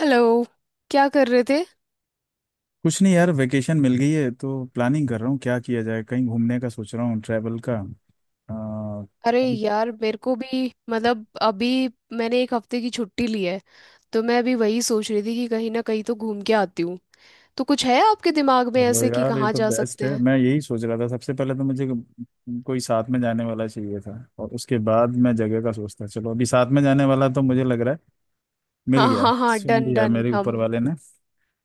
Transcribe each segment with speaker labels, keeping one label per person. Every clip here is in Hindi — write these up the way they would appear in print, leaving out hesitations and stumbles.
Speaker 1: हेलो। क्या कर रहे थे?
Speaker 2: कुछ नहीं यार, वेकेशन मिल गई है तो प्लानिंग कर रहा हूँ क्या किया जाए। कहीं घूमने का सोच रहा हूँ, ट्रैवल का। आ,
Speaker 1: अरे
Speaker 2: अभी।
Speaker 1: यार, मेरे को भी मतलब अभी मैंने एक हफ्ते की छुट्टी ली है। तो मैं अभी वही सोच रही थी कि कहीं ना कहीं तो घूम के आती हूँ। तो कुछ है आपके दिमाग में
Speaker 2: चलो
Speaker 1: ऐसे कि
Speaker 2: यार, ये
Speaker 1: कहाँ
Speaker 2: तो
Speaker 1: जा
Speaker 2: बेस्ट
Speaker 1: सकते
Speaker 2: है।
Speaker 1: हैं?
Speaker 2: मैं यही सोच रहा था, सबसे पहले तो मुझे कोई साथ में जाने वाला चाहिए था और उसके बाद मैं जगह का सोचता। चलो, अभी साथ में जाने वाला तो मुझे लग रहा है मिल
Speaker 1: हाँ
Speaker 2: गया,
Speaker 1: हाँ हाँ,
Speaker 2: सुन
Speaker 1: डन
Speaker 2: लिया
Speaker 1: डन,
Speaker 2: मेरे ऊपर
Speaker 1: हम।
Speaker 2: वाले ने।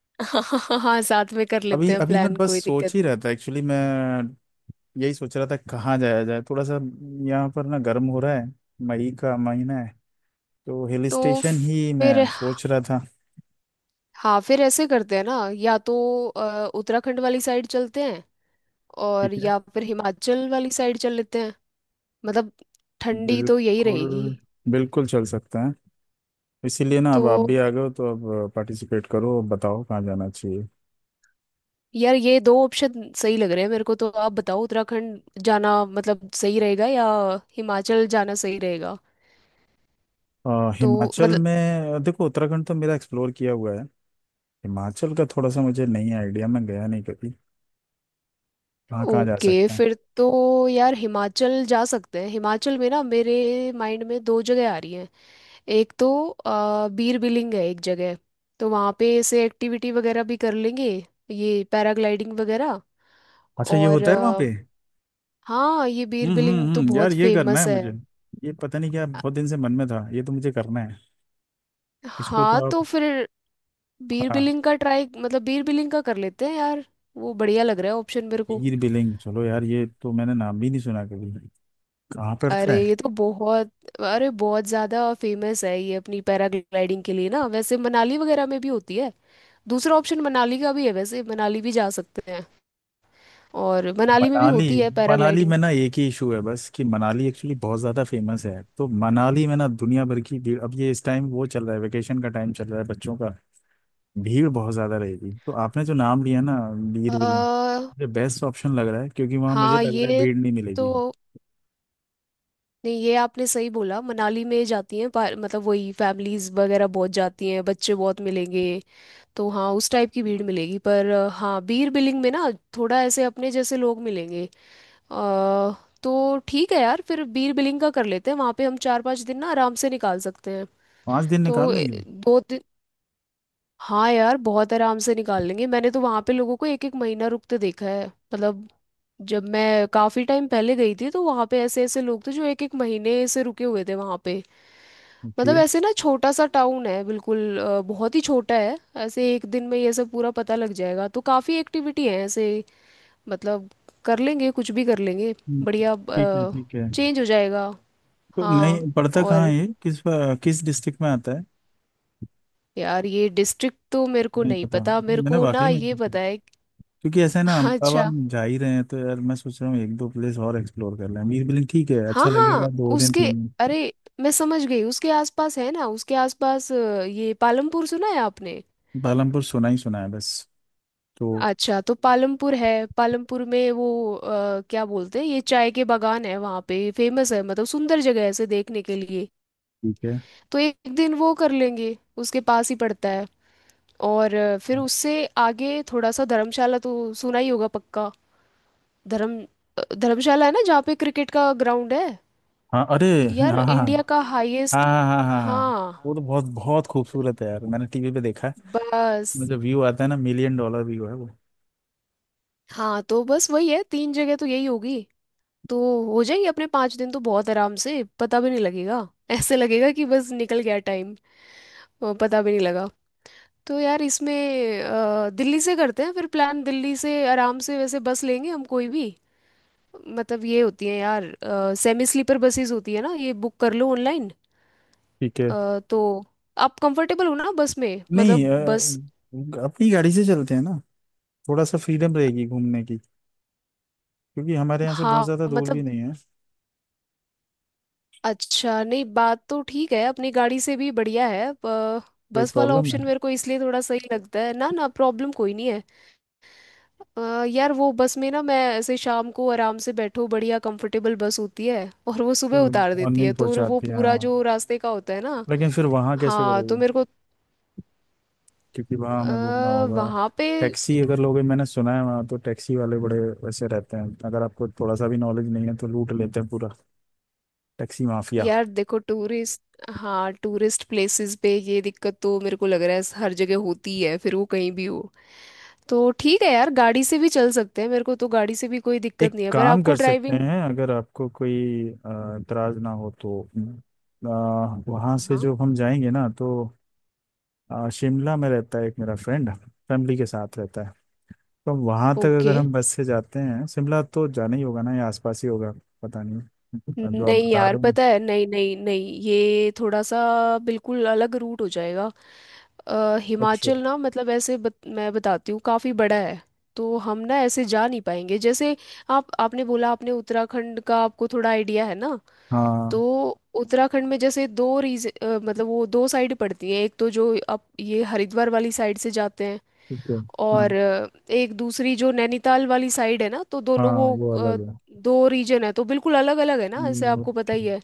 Speaker 1: हाँ हाँ हाँ हाँ, साथ में कर
Speaker 2: अभी
Speaker 1: लेते हैं
Speaker 2: अभी मैं
Speaker 1: प्लान,
Speaker 2: बस
Speaker 1: कोई
Speaker 2: सोच
Speaker 1: दिक्कत
Speaker 2: ही
Speaker 1: नहीं।
Speaker 2: रहा था एक्चुअली। मैं यही सोच रहा था कहाँ जाया जाए, थोड़ा सा। यहाँ पर ना गर्म हो रहा है, मई का महीना है, तो हिल
Speaker 1: तो
Speaker 2: स्टेशन ही
Speaker 1: फिर,
Speaker 2: मैं सोच रहा था।
Speaker 1: हाँ फिर ऐसे करते हैं ना, या तो उत्तराखंड वाली साइड चलते हैं, और या फिर हिमाचल वाली साइड चल लेते हैं। मतलब, ठंडी तो यही रहेगी।
Speaker 2: बिल्कुल, बिल्कुल चल सकते हैं। इसीलिए ना,
Speaker 1: तो
Speaker 2: अब आप भी आ गए हो तो अब पार्टिसिपेट करो, अब बताओ कहाँ जाना चाहिए।
Speaker 1: यार ये दो ऑप्शन सही लग रहे हैं मेरे को। तो आप बताओ उत्तराखंड जाना मतलब सही रहेगा, या हिमाचल जाना सही रहेगा? तो
Speaker 2: हिमाचल
Speaker 1: मतलब,
Speaker 2: में देखो, उत्तराखंड तो मेरा एक्सप्लोर किया हुआ है। हिमाचल का थोड़ा सा मुझे नहीं आइडिया, मैं गया नहीं कभी, कहाँ कहाँ जा
Speaker 1: ओके
Speaker 2: सकते हैं।
Speaker 1: फिर तो, यार हिमाचल जा सकते हैं। हिमाचल में ना, मेरे माइंड में दो जगह आ रही हैं। एक तो बीर बिलिंग है एक जगह। तो वहाँ पे ऐसे एक्टिविटी वगैरह भी कर लेंगे, ये पैराग्लाइडिंग वगैरह।
Speaker 2: अच्छा, ये
Speaker 1: और
Speaker 2: होता है वहाँ पे।
Speaker 1: हाँ, ये बीर
Speaker 2: हम्म, हम्म,
Speaker 1: बिलिंग तो
Speaker 2: हम्म, यार
Speaker 1: बहुत
Speaker 2: ये करना है
Speaker 1: फेमस है।
Speaker 2: मुझे। ये पता नहीं क्या, बहुत दिन से मन में था, ये तो मुझे करना है। इसको तो
Speaker 1: हाँ
Speaker 2: आप
Speaker 1: तो फिर बीर
Speaker 2: हाँ,
Speaker 1: बिलिंग का ट्राई मतलब बीर बिलिंग का कर लेते हैं यार। वो बढ़िया लग रहा है ऑप्शन मेरे को।
Speaker 2: हीर बिलिंग। चलो यार, ये तो मैंने नाम भी नहीं सुना कभी, कहाँ पड़ता
Speaker 1: अरे
Speaker 2: है।
Speaker 1: ये तो बहुत अरे बहुत ज्यादा फेमस है ये अपनी पैराग्लाइडिंग के लिए ना, वैसे मनाली वगैरह में भी होती है। दूसरा ऑप्शन मनाली का भी है, वैसे मनाली भी जा सकते हैं। और मनाली में भी
Speaker 2: मनाली,
Speaker 1: होती है
Speaker 2: मनाली
Speaker 1: पैराग्लाइडिंग।
Speaker 2: में ना एक ही इशू है बस, कि मनाली एक्चुअली बहुत ज़्यादा फेमस है, तो मनाली में ना दुनिया भर की भीड़। अब ये इस टाइम वो चल रहा है, वेकेशन का टाइम चल रहा है बच्चों का। भीड़ बहुत ज़्यादा रहेगी। तो आपने जो नाम लिया ना, लीर
Speaker 1: अ
Speaker 2: विलेन, मुझे बेस्ट ऑप्शन लग रहा है, क्योंकि वहाँ मुझे
Speaker 1: हाँ,
Speaker 2: लग रहा है
Speaker 1: ये
Speaker 2: भीड़ नहीं मिलेगी।
Speaker 1: तो, नहीं ये आपने सही बोला, मनाली में जाती हैं मतलब वही फैमिलीज वगैरह बहुत जाती हैं, बच्चे बहुत मिलेंगे। तो हाँ, उस टाइप की भीड़ मिलेगी पर हाँ, बीयर बिलिंग में ना, थोड़ा ऐसे अपने जैसे लोग मिलेंगे। अ, तो ठीक है यार, फिर बीयर बिलिंग का कर लेते हैं। वहाँ पे हम 4-5 दिन ना आराम से निकाल सकते हैं।
Speaker 2: 5 दिन
Speaker 1: तो
Speaker 2: निकाल लेंगे।
Speaker 1: दो, हाँ यार, बहुत आराम से निकाल लेंगे। मैंने तो वहां पे लोगों को एक एक महीना रुकते देखा है। मतलब, जब मैं काफी टाइम पहले गई थी, तो वहां पे ऐसे ऐसे लोग थे जो एक एक महीने से रुके हुए थे वहां पे। मतलब
Speaker 2: ओके।
Speaker 1: ऐसे ना, छोटा सा टाउन है बिल्कुल, बहुत ही छोटा है। ऐसे एक दिन में ये सब पूरा पता लग जाएगा। तो काफी एक्टिविटी है ऐसे। मतलब, कर लेंगे, कुछ भी कर लेंगे।
Speaker 2: हम्म,
Speaker 1: बढ़िया,
Speaker 2: ठीक है, ठीक है।
Speaker 1: चेंज हो जाएगा।
Speaker 2: तो
Speaker 1: हाँ,
Speaker 2: नहीं पड़ता कहाँ
Speaker 1: और
Speaker 2: है ये, किस किस डिस्ट्रिक्ट में आता है।
Speaker 1: यार ये डिस्ट्रिक्ट तो मेरे को
Speaker 2: नहीं
Speaker 1: नहीं
Speaker 2: पता।
Speaker 1: पता, मेरे
Speaker 2: मैंने
Speaker 1: को
Speaker 2: वाकई
Speaker 1: ना
Speaker 2: में,
Speaker 1: ये पता है।
Speaker 2: क्योंकि ऐसा है ना, हम अब
Speaker 1: अच्छा,
Speaker 2: हम जा ही रहे हैं तो यार मैं सोच रहा हूँ एक दो प्लेस और एक्सप्लोर कर लें। बीर बिलिंग ठीक है,
Speaker 1: हाँ
Speaker 2: अच्छा
Speaker 1: हाँ
Speaker 2: लगेगा, 2 दिन
Speaker 1: उसके
Speaker 2: 3 दिन।
Speaker 1: अरे, मैं समझ गई, उसके आसपास है ना, उसके आसपास ये पालमपुर सुना है आपने?
Speaker 2: पालमपुर सुना ही सुना है, बस। तो
Speaker 1: अच्छा, तो पालमपुर है। पालमपुर में वो क्या बोलते हैं, ये चाय के बागान है वहाँ पे, फेमस है। मतलब, सुंदर जगह है ऐसे देखने के लिए।
Speaker 2: ठीक है।
Speaker 1: तो एक दिन वो कर लेंगे, उसके पास ही पड़ता है। और फिर उससे आगे थोड़ा सा धर्मशाला तो सुना ही होगा पक्का। धर्म धर्मशाला है ना जहाँ पे क्रिकेट का ग्राउंड है,
Speaker 2: हाँ अरे,
Speaker 1: यार
Speaker 2: हाँ हाँ हाँ,
Speaker 1: इंडिया का हाईएस्ट।
Speaker 2: हाँ हाँ हाँ हाँ हाँ। वो
Speaker 1: हाँ,
Speaker 2: तो बहुत बहुत खूबसूरत है यार, मैंने टीवी पे देखा है।
Speaker 1: बस,
Speaker 2: मतलब व्यू आता है ना, मिलियन डॉलर व्यू है वो।
Speaker 1: हाँ तो बस वही है, तीन जगह तो यही होगी। तो हो जाएंगे अपने 5 दिन तो बहुत आराम से, पता भी नहीं लगेगा। ऐसे लगेगा कि बस निकल गया टाइम। पता भी नहीं लगा। तो यार इसमें दिल्ली से करते हैं फिर प्लान। दिल्ली से आराम से वैसे बस लेंगे हम, कोई भी। मतलब ये होती है यार, सेमी स्लीपर बसेस होती है ना, ये बुक कर लो ऑनलाइन।
Speaker 2: ठीक है।
Speaker 1: तो आप कंफर्टेबल हो ना बस में,
Speaker 2: नहीं
Speaker 1: मतलब बस।
Speaker 2: अपनी गाड़ी से चलते हैं ना, थोड़ा सा फ्रीडम रहेगी घूमने की, क्योंकि हमारे यहाँ से बहुत
Speaker 1: हाँ
Speaker 2: ज़्यादा दूर भी
Speaker 1: मतलब,
Speaker 2: नहीं है।
Speaker 1: अच्छा, नहीं बात तो ठीक है, अपनी गाड़ी से भी बढ़िया है।
Speaker 2: कोई
Speaker 1: बस वाला
Speaker 2: प्रॉब्लम है?
Speaker 1: ऑप्शन मेरे को इसलिए थोड़ा सही लगता है ना। ना प्रॉब्लम कोई नहीं है। यार वो बस में ना, मैं ऐसे शाम को आराम से बैठो, बढ़िया कंफर्टेबल बस होती है, और वो
Speaker 2: तो
Speaker 1: सुबह उतार देती
Speaker 2: मॉर्निंग
Speaker 1: है, तो वो
Speaker 2: पहुँचाती है
Speaker 1: पूरा
Speaker 2: हाँ,
Speaker 1: जो रास्ते का होता है ना।
Speaker 2: लेकिन फिर वहाँ कैसे
Speaker 1: हाँ तो
Speaker 2: करोगे?
Speaker 1: मेरे को
Speaker 2: क्योंकि वहाँ हमें घूमना होगा।
Speaker 1: वहाँ पे,
Speaker 2: टैक्सी अगर लोगे, मैंने सुना है वहाँ तो टैक्सी वाले बड़े वैसे रहते हैं, अगर आपको थोड़ा सा भी नॉलेज नहीं है तो लूट लेते हैं पूरा। Taxi mafia.
Speaker 1: यार देखो टूरिस्ट। हाँ, टूरिस्ट प्लेसेस पे ये दिक्कत तो मेरे को लग रहा है हर जगह होती है, फिर वो कहीं भी हो। तो ठीक है यार, गाड़ी से भी चल सकते हैं, मेरे को तो गाड़ी से भी कोई
Speaker 2: एक
Speaker 1: दिक्कत नहीं है, पर
Speaker 2: काम
Speaker 1: आपको
Speaker 2: कर सकते
Speaker 1: ड्राइविंग।
Speaker 2: हैं, अगर आपको कोई इतराज ना हो तो। अ, वहाँ से
Speaker 1: हाँ,
Speaker 2: जो हम जाएंगे ना, तो शिमला में रहता है एक मेरा फ्रेंड, फैमिली के साथ रहता है। तो हम वहाँ तक
Speaker 1: ओके,
Speaker 2: अगर हम बस से जाते हैं, शिमला तो जाना ही होगा ना, या आसपास ही होगा, पता नहीं। जो आप
Speaker 1: नहीं
Speaker 2: बता
Speaker 1: यार
Speaker 2: रहे हो।
Speaker 1: पता है। नहीं नहीं नहीं, ये थोड़ा सा बिल्कुल अलग रूट हो जाएगा। हिमाचल
Speaker 2: अच्छा,
Speaker 1: ना, मतलब ऐसे मैं बताती हूँ काफ़ी बड़ा है। तो हम ना ऐसे जा नहीं पाएंगे, जैसे आप आपने बोला, आपने उत्तराखंड का आपको थोड़ा आइडिया है ना। तो
Speaker 2: हाँ
Speaker 1: उत्तराखंड में जैसे दो मतलब वो दो साइड पड़ती हैं, एक तो जो आप ये हरिद्वार वाली साइड से जाते हैं,
Speaker 2: ठीक है, हाँ
Speaker 1: और एक दूसरी जो नैनीताल वाली साइड है ना। तो दोनों
Speaker 2: हाँ
Speaker 1: वो
Speaker 2: वो अलग है।
Speaker 1: दो रीजन है, तो बिल्कुल अलग अलग है ना, ऐसे आपको पता
Speaker 2: ओके।
Speaker 1: ही है।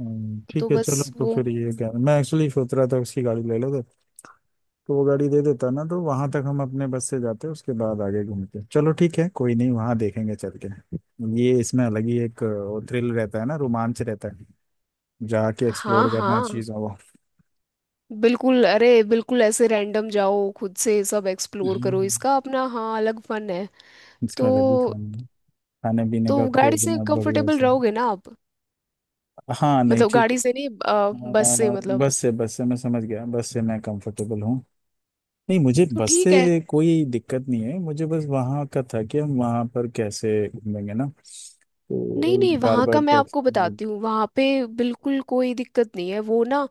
Speaker 1: तो
Speaker 2: ठीक है,
Speaker 1: बस
Speaker 2: चलो तो
Speaker 1: वो,
Speaker 2: फिर, ये क्या, मैं एक्चुअली सोच रहा था उसकी गाड़ी ले लेते, तो वो गाड़ी दे देता ना, तो वहां तक हम अपने बस से जाते, उसके बाद आगे घूमते। चलो ठीक है, कोई नहीं, वहां देखेंगे चल के। ये इसमें अलग ही एक थ्रिल रहता है ना, रोमांच रहता है, जाके
Speaker 1: हाँ
Speaker 2: एक्सप्लोर करना
Speaker 1: हाँ
Speaker 2: चीज़ है वो।
Speaker 1: बिल्कुल, अरे बिल्कुल, ऐसे रैंडम जाओ, खुद से सब एक्सप्लोर करो,
Speaker 2: हम्म।
Speaker 1: इसका अपना हाँ अलग फन है।
Speaker 2: इसका
Speaker 1: तो
Speaker 2: अलग ही काम है, खाने पीने
Speaker 1: तो
Speaker 2: का,
Speaker 1: गाड़ी से
Speaker 2: खोजना बढ़िया
Speaker 1: कंफर्टेबल
Speaker 2: सा।
Speaker 1: रहोगे ना आप?
Speaker 2: हाँ नहीं
Speaker 1: मतलब
Speaker 2: ठीक है।
Speaker 1: गाड़ी से नहीं, बस से मतलब।
Speaker 2: बस से मैं समझ गया, बस से मैं कंफर्टेबल हूँ। नहीं मुझे
Speaker 1: तो
Speaker 2: बस
Speaker 1: ठीक है।
Speaker 2: से कोई दिक्कत नहीं है, मुझे बस वहाँ का था कि हम वहाँ पर कैसे घूमेंगे ना,
Speaker 1: नहीं
Speaker 2: तो
Speaker 1: नहीं,
Speaker 2: बार
Speaker 1: वहाँ
Speaker 2: बार
Speaker 1: का मैं आपको
Speaker 2: टैक्सी।
Speaker 1: बताती हूँ। वहाँ पे बिल्कुल कोई दिक्कत नहीं है वो ना।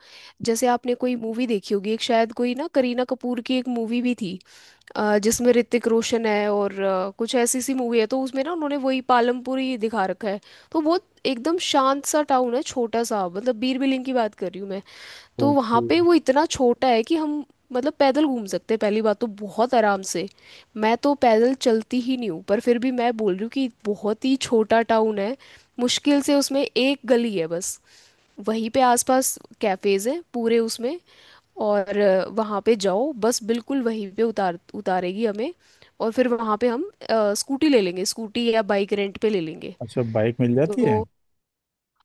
Speaker 1: जैसे आपने कोई मूवी देखी होगी, एक, शायद कोई ना, करीना कपूर की एक मूवी भी थी, जिसमें ऋतिक रोशन है, और कुछ ऐसी सी मूवी है। तो उसमें ना उन्होंने वही पालमपुर ही दिखा रखा है। तो बहुत एकदम शांत सा टाउन है, छोटा सा। मतलब, बीर बिलिंग की बात कर रही हूँ मैं। तो वहाँ
Speaker 2: ओके।
Speaker 1: पे वो इतना छोटा है कि हम, मतलब पैदल घूम सकते हैं पहली बात तो, बहुत आराम से। मैं तो पैदल चलती ही नहीं हूँ, पर फिर भी मैं बोल रही हूँ कि बहुत ही छोटा टाउन है। मुश्किल से उसमें एक गली है बस। वहीं पे आसपास कैफ़ेज़ हैं पूरे उसमें। और वहाँ पे जाओ, बस बिल्कुल वहीं पे उतारेगी हमें। और फिर वहाँ पे हम स्कूटी ले लेंगे, स्कूटी या बाइक रेंट पे ले लेंगे।
Speaker 2: अच्छा, बाइक मिल जाती है?
Speaker 1: तो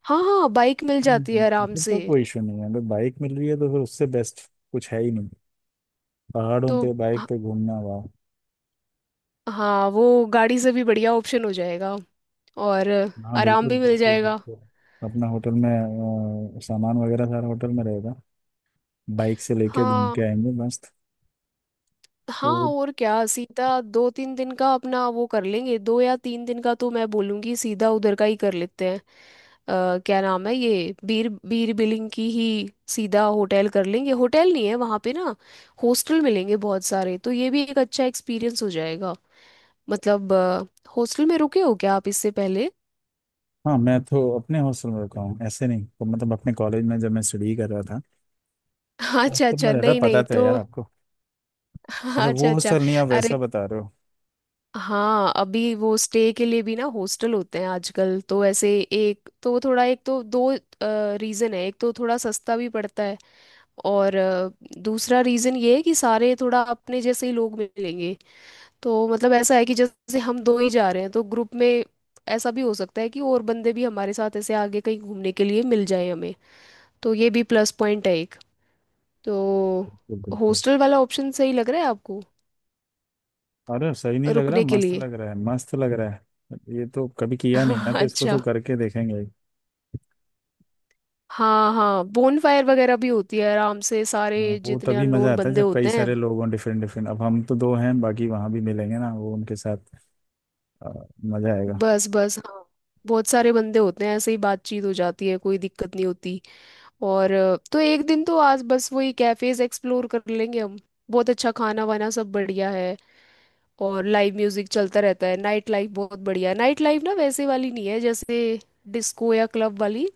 Speaker 1: हाँ हाँ, बाइक मिल जाती है
Speaker 2: हम्म,
Speaker 1: आराम
Speaker 2: फिर
Speaker 1: से।
Speaker 2: तो कोई इशू नहीं है, अगर बाइक मिल रही है तो फिर उससे बेस्ट कुछ है ही नहीं। पहाड़ों
Speaker 1: तो
Speaker 2: पे बाइक पे घूमना, वाह!
Speaker 1: हाँ, वो गाड़ी से भी बढ़िया ऑप्शन हो जाएगा, और
Speaker 2: हाँ
Speaker 1: आराम
Speaker 2: बिल्कुल,
Speaker 1: भी मिल
Speaker 2: बिल्कुल,
Speaker 1: जाएगा।
Speaker 2: बिल्कुल। अपना होटल में सामान वगैरह सारा होटल में रहेगा, बाइक से लेके घूम
Speaker 1: हाँ
Speaker 2: के आएंगे, मस्त।
Speaker 1: हाँ,
Speaker 2: तो
Speaker 1: और क्या सीधा 2-3 दिन का अपना वो कर लेंगे, दो या तीन दिन का, तो मैं बोलूँगी सीधा उधर का ही कर लेते हैं। क्या नाम है ये, बीर बीर बिलिंग की ही, सीधा होटल कर लेंगे। होटल नहीं है वहाँ पे ना, हॉस्टल मिलेंगे बहुत सारे, तो ये भी एक अच्छा एक्सपीरियंस हो जाएगा। मतलब, हॉस्टल में रुके हो क्या आप इससे पहले?
Speaker 2: हाँ, मैं तो अपने हॉस्टल में रुका हूँ, ऐसे नहीं तो, मतलब, अपने कॉलेज में जब मैं स्टडी कर रहा था,
Speaker 1: अच्छा
Speaker 2: हॉस्टल में
Speaker 1: अच्छा,
Speaker 2: रहता,
Speaker 1: नहीं
Speaker 2: पता
Speaker 1: नहीं
Speaker 2: तो है
Speaker 1: तो।
Speaker 2: यार आपको। अच्छा,
Speaker 1: अच्छा
Speaker 2: वो
Speaker 1: अच्छा।
Speaker 2: हॉस्टल नहीं, आप
Speaker 1: अरे
Speaker 2: वैसा बता रहे हो।
Speaker 1: हाँ, अभी वो स्टे के लिए भी ना हॉस्टल होते हैं आजकल, तो ऐसे एक तो थोड़ा, एक तो दो रीज़न है। एक तो थोड़ा सस्ता भी पड़ता है, और दूसरा रीज़न ये है कि सारे थोड़ा अपने जैसे ही लोग मिलेंगे। तो मतलब ऐसा है कि जैसे हम दो ही जा रहे हैं तो ग्रुप में ऐसा भी हो सकता है कि और बंदे भी हमारे साथ ऐसे आगे कहीं घूमने के लिए मिल जाए हमें। तो ये भी प्लस पॉइंट है एक। तो
Speaker 2: बिल्कुल, बिल्कुल।
Speaker 1: हॉस्टल वाला ऑप्शन सही लग रहा है आपको
Speaker 2: अरे सही नहीं लग रहा,
Speaker 1: रुकने के
Speaker 2: मस्त
Speaker 1: लिए?
Speaker 2: लग रहा है, मस्त लग रहा है। ये तो कभी किया नहीं ना, तो इसको तो
Speaker 1: अच्छा,
Speaker 2: करके देखेंगे।
Speaker 1: हाँ हाँ, बोन फायर वगैरह भी होती है आराम से, सारे
Speaker 2: हाँ, वो
Speaker 1: जितने
Speaker 2: तभी मजा
Speaker 1: अननोन
Speaker 2: आता है
Speaker 1: बंदे
Speaker 2: जब कई
Speaker 1: होते हैं।
Speaker 2: सारे लोग हों, डिफरेंट डिफरेंट। अब हम तो दो हैं, बाकी वहां भी मिलेंगे ना, वो उनके साथ। आ, मजा आएगा।
Speaker 1: बस बस, हाँ, बहुत सारे बंदे होते हैं, ऐसे ही बातचीत हो जाती है, कोई दिक्कत नहीं होती। और तो एक दिन तो आज बस वही कैफेज एक्सप्लोर कर लेंगे हम। बहुत अच्छा खाना वाना सब बढ़िया है। और लाइव म्यूजिक चलता रहता है, नाइट लाइफ बहुत बढ़िया है। नाइट लाइफ ना वैसे वाली नहीं है जैसे डिस्को या क्लब वाली,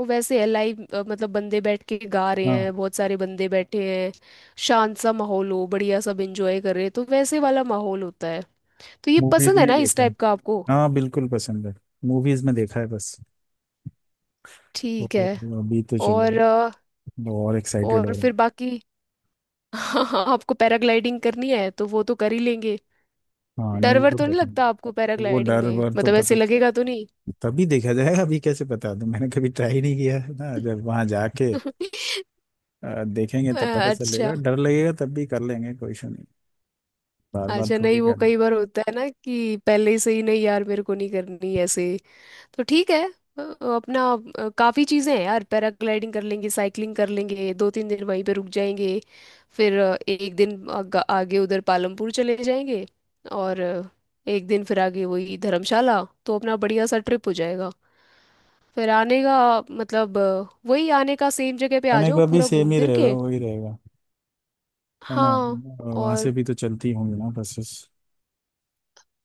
Speaker 1: वो वैसे है लाइव। मतलब बंदे बैठ के गा रहे
Speaker 2: हाँ,
Speaker 1: हैं, बहुत सारे बंदे बैठे हैं, शांत सा माहौल हो, बढ़िया, सब एंजॉय कर रहे हैं, तो वैसे वाला माहौल होता है। तो ये
Speaker 2: मूवीज
Speaker 1: पसंद है
Speaker 2: में ही
Speaker 1: ना इस
Speaker 2: देखा है।
Speaker 1: टाइप का आपको?
Speaker 2: हाँ बिल्कुल पसंद है। मूवीज में देखा है बस।
Speaker 1: ठीक
Speaker 2: तो
Speaker 1: है,
Speaker 2: अभी तो, चलो,
Speaker 1: और
Speaker 2: और एक्साइटेड हो
Speaker 1: और
Speaker 2: रहा हूँ।
Speaker 1: फिर बाकी, हाँ हाँ, आपको पैराग्लाइडिंग करनी है तो वो तो कर ही लेंगे।
Speaker 2: हाँ नहीं,
Speaker 1: डर
Speaker 2: वो
Speaker 1: वर
Speaker 2: तो
Speaker 1: तो नहीं
Speaker 2: करना
Speaker 1: लगता आपको
Speaker 2: है। वो
Speaker 1: पैराग्लाइडिंग
Speaker 2: डर
Speaker 1: में,
Speaker 2: वर तो
Speaker 1: मतलब ऐसे
Speaker 2: तभी
Speaker 1: लगेगा तो नहीं?
Speaker 2: तभी देखा जाएगा, अभी कैसे बता दूं? मैंने कभी ट्राई नहीं किया है ना, जब वहां जाके देखेंगे तब पता चलेगा,
Speaker 1: अच्छा,
Speaker 2: डर लगेगा तब भी कर लेंगे, कोई इशू नहीं। बार बार
Speaker 1: अच्छा
Speaker 2: थोड़ी
Speaker 1: नहीं, वो
Speaker 2: करना।
Speaker 1: कई बार होता है ना कि पहले से ही, नहीं यार मेरे को नहीं करनी ऐसे। तो ठीक है, अ, अपना काफी चीजें हैं यार, पैराग्लाइडिंग कर लेंगे, साइकिलिंग कर लेंगे, 2-3 दिन वहीं पे रुक जाएंगे। फिर एक दिन आगे उधर पालमपुर चले जाएंगे। और एक दिन फिर आगे वही धर्मशाला, तो अपना बढ़िया सा ट्रिप हो जाएगा। फिर आने का मतलब वही आने का, सेम जगह पे आ
Speaker 2: खाने
Speaker 1: जाओ
Speaker 2: का भी
Speaker 1: पूरा
Speaker 2: सेम
Speaker 1: घूम
Speaker 2: ही
Speaker 1: फिर
Speaker 2: रहेगा,
Speaker 1: के।
Speaker 2: वही रहेगा, है ना?
Speaker 1: हाँ।
Speaker 2: वहां से
Speaker 1: और
Speaker 2: भी तो चलती होंगी ना बसेस।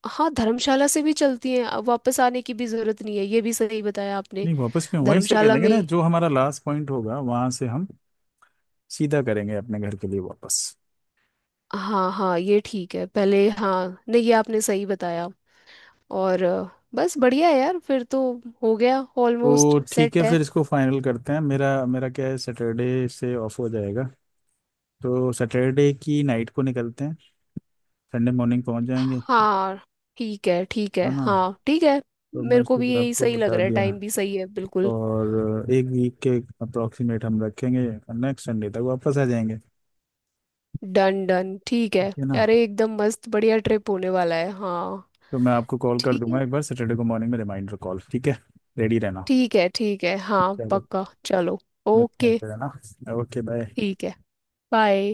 Speaker 1: हाँ, धर्मशाला से भी चलती हैं, वापस आने की भी जरूरत नहीं है, ये भी सही बताया आपने।
Speaker 2: नहीं, वापस क्यों? वहीं से कर
Speaker 1: धर्मशाला
Speaker 2: लेंगे
Speaker 1: में
Speaker 2: ना,
Speaker 1: ही,
Speaker 2: जो हमारा लास्ट पॉइंट होगा वहां से हम सीधा करेंगे अपने घर के लिए वापस।
Speaker 1: हाँ हाँ, ये ठीक है पहले, हाँ, नहीं ये आपने सही बताया। और बस बढ़िया है यार फिर तो, हो गया, ऑलमोस्ट
Speaker 2: तो ठीक
Speaker 1: सेट
Speaker 2: है
Speaker 1: है।
Speaker 2: फिर, इसको फाइनल करते हैं। मेरा मेरा क्या है, सैटरडे से ऑफ हो जाएगा। तो सैटरडे की नाइट को निकलते हैं, संडे मॉर्निंग पहुंच जाएंगे,
Speaker 1: हाँ ठीक है, ठीक है,
Speaker 2: है ना?
Speaker 1: हाँ ठीक है।
Speaker 2: तो मैं
Speaker 1: मेरे को भी
Speaker 2: इसलिए
Speaker 1: यही
Speaker 2: आपको
Speaker 1: सही लग
Speaker 2: बता
Speaker 1: रहा है,
Speaker 2: दिया।
Speaker 1: टाइम भी सही है बिल्कुल।
Speaker 2: और एक वीक के अप्रोक्सीमेट हम रखेंगे, नेक्स्ट संडे तक वापस आ जाएंगे।
Speaker 1: डन डन, ठीक है।
Speaker 2: ठीक है ना?
Speaker 1: अरे एकदम मस्त, बढ़िया ट्रिप होने वाला है हाँ।
Speaker 2: तो मैं आपको कॉल कर
Speaker 1: ठीक
Speaker 2: दूंगा
Speaker 1: है,
Speaker 2: एक बार, सैटरडे को मॉर्निंग में, रिमाइंडर कॉल। ठीक है, रेडी रहना।
Speaker 1: ठीक है, ठीक है, हाँ
Speaker 2: चलो,
Speaker 1: पक्का चलो।
Speaker 2: मिलते हैं
Speaker 1: ओके,
Speaker 2: फिर, है ना? Okay, bye.
Speaker 1: ठीक है, बाय।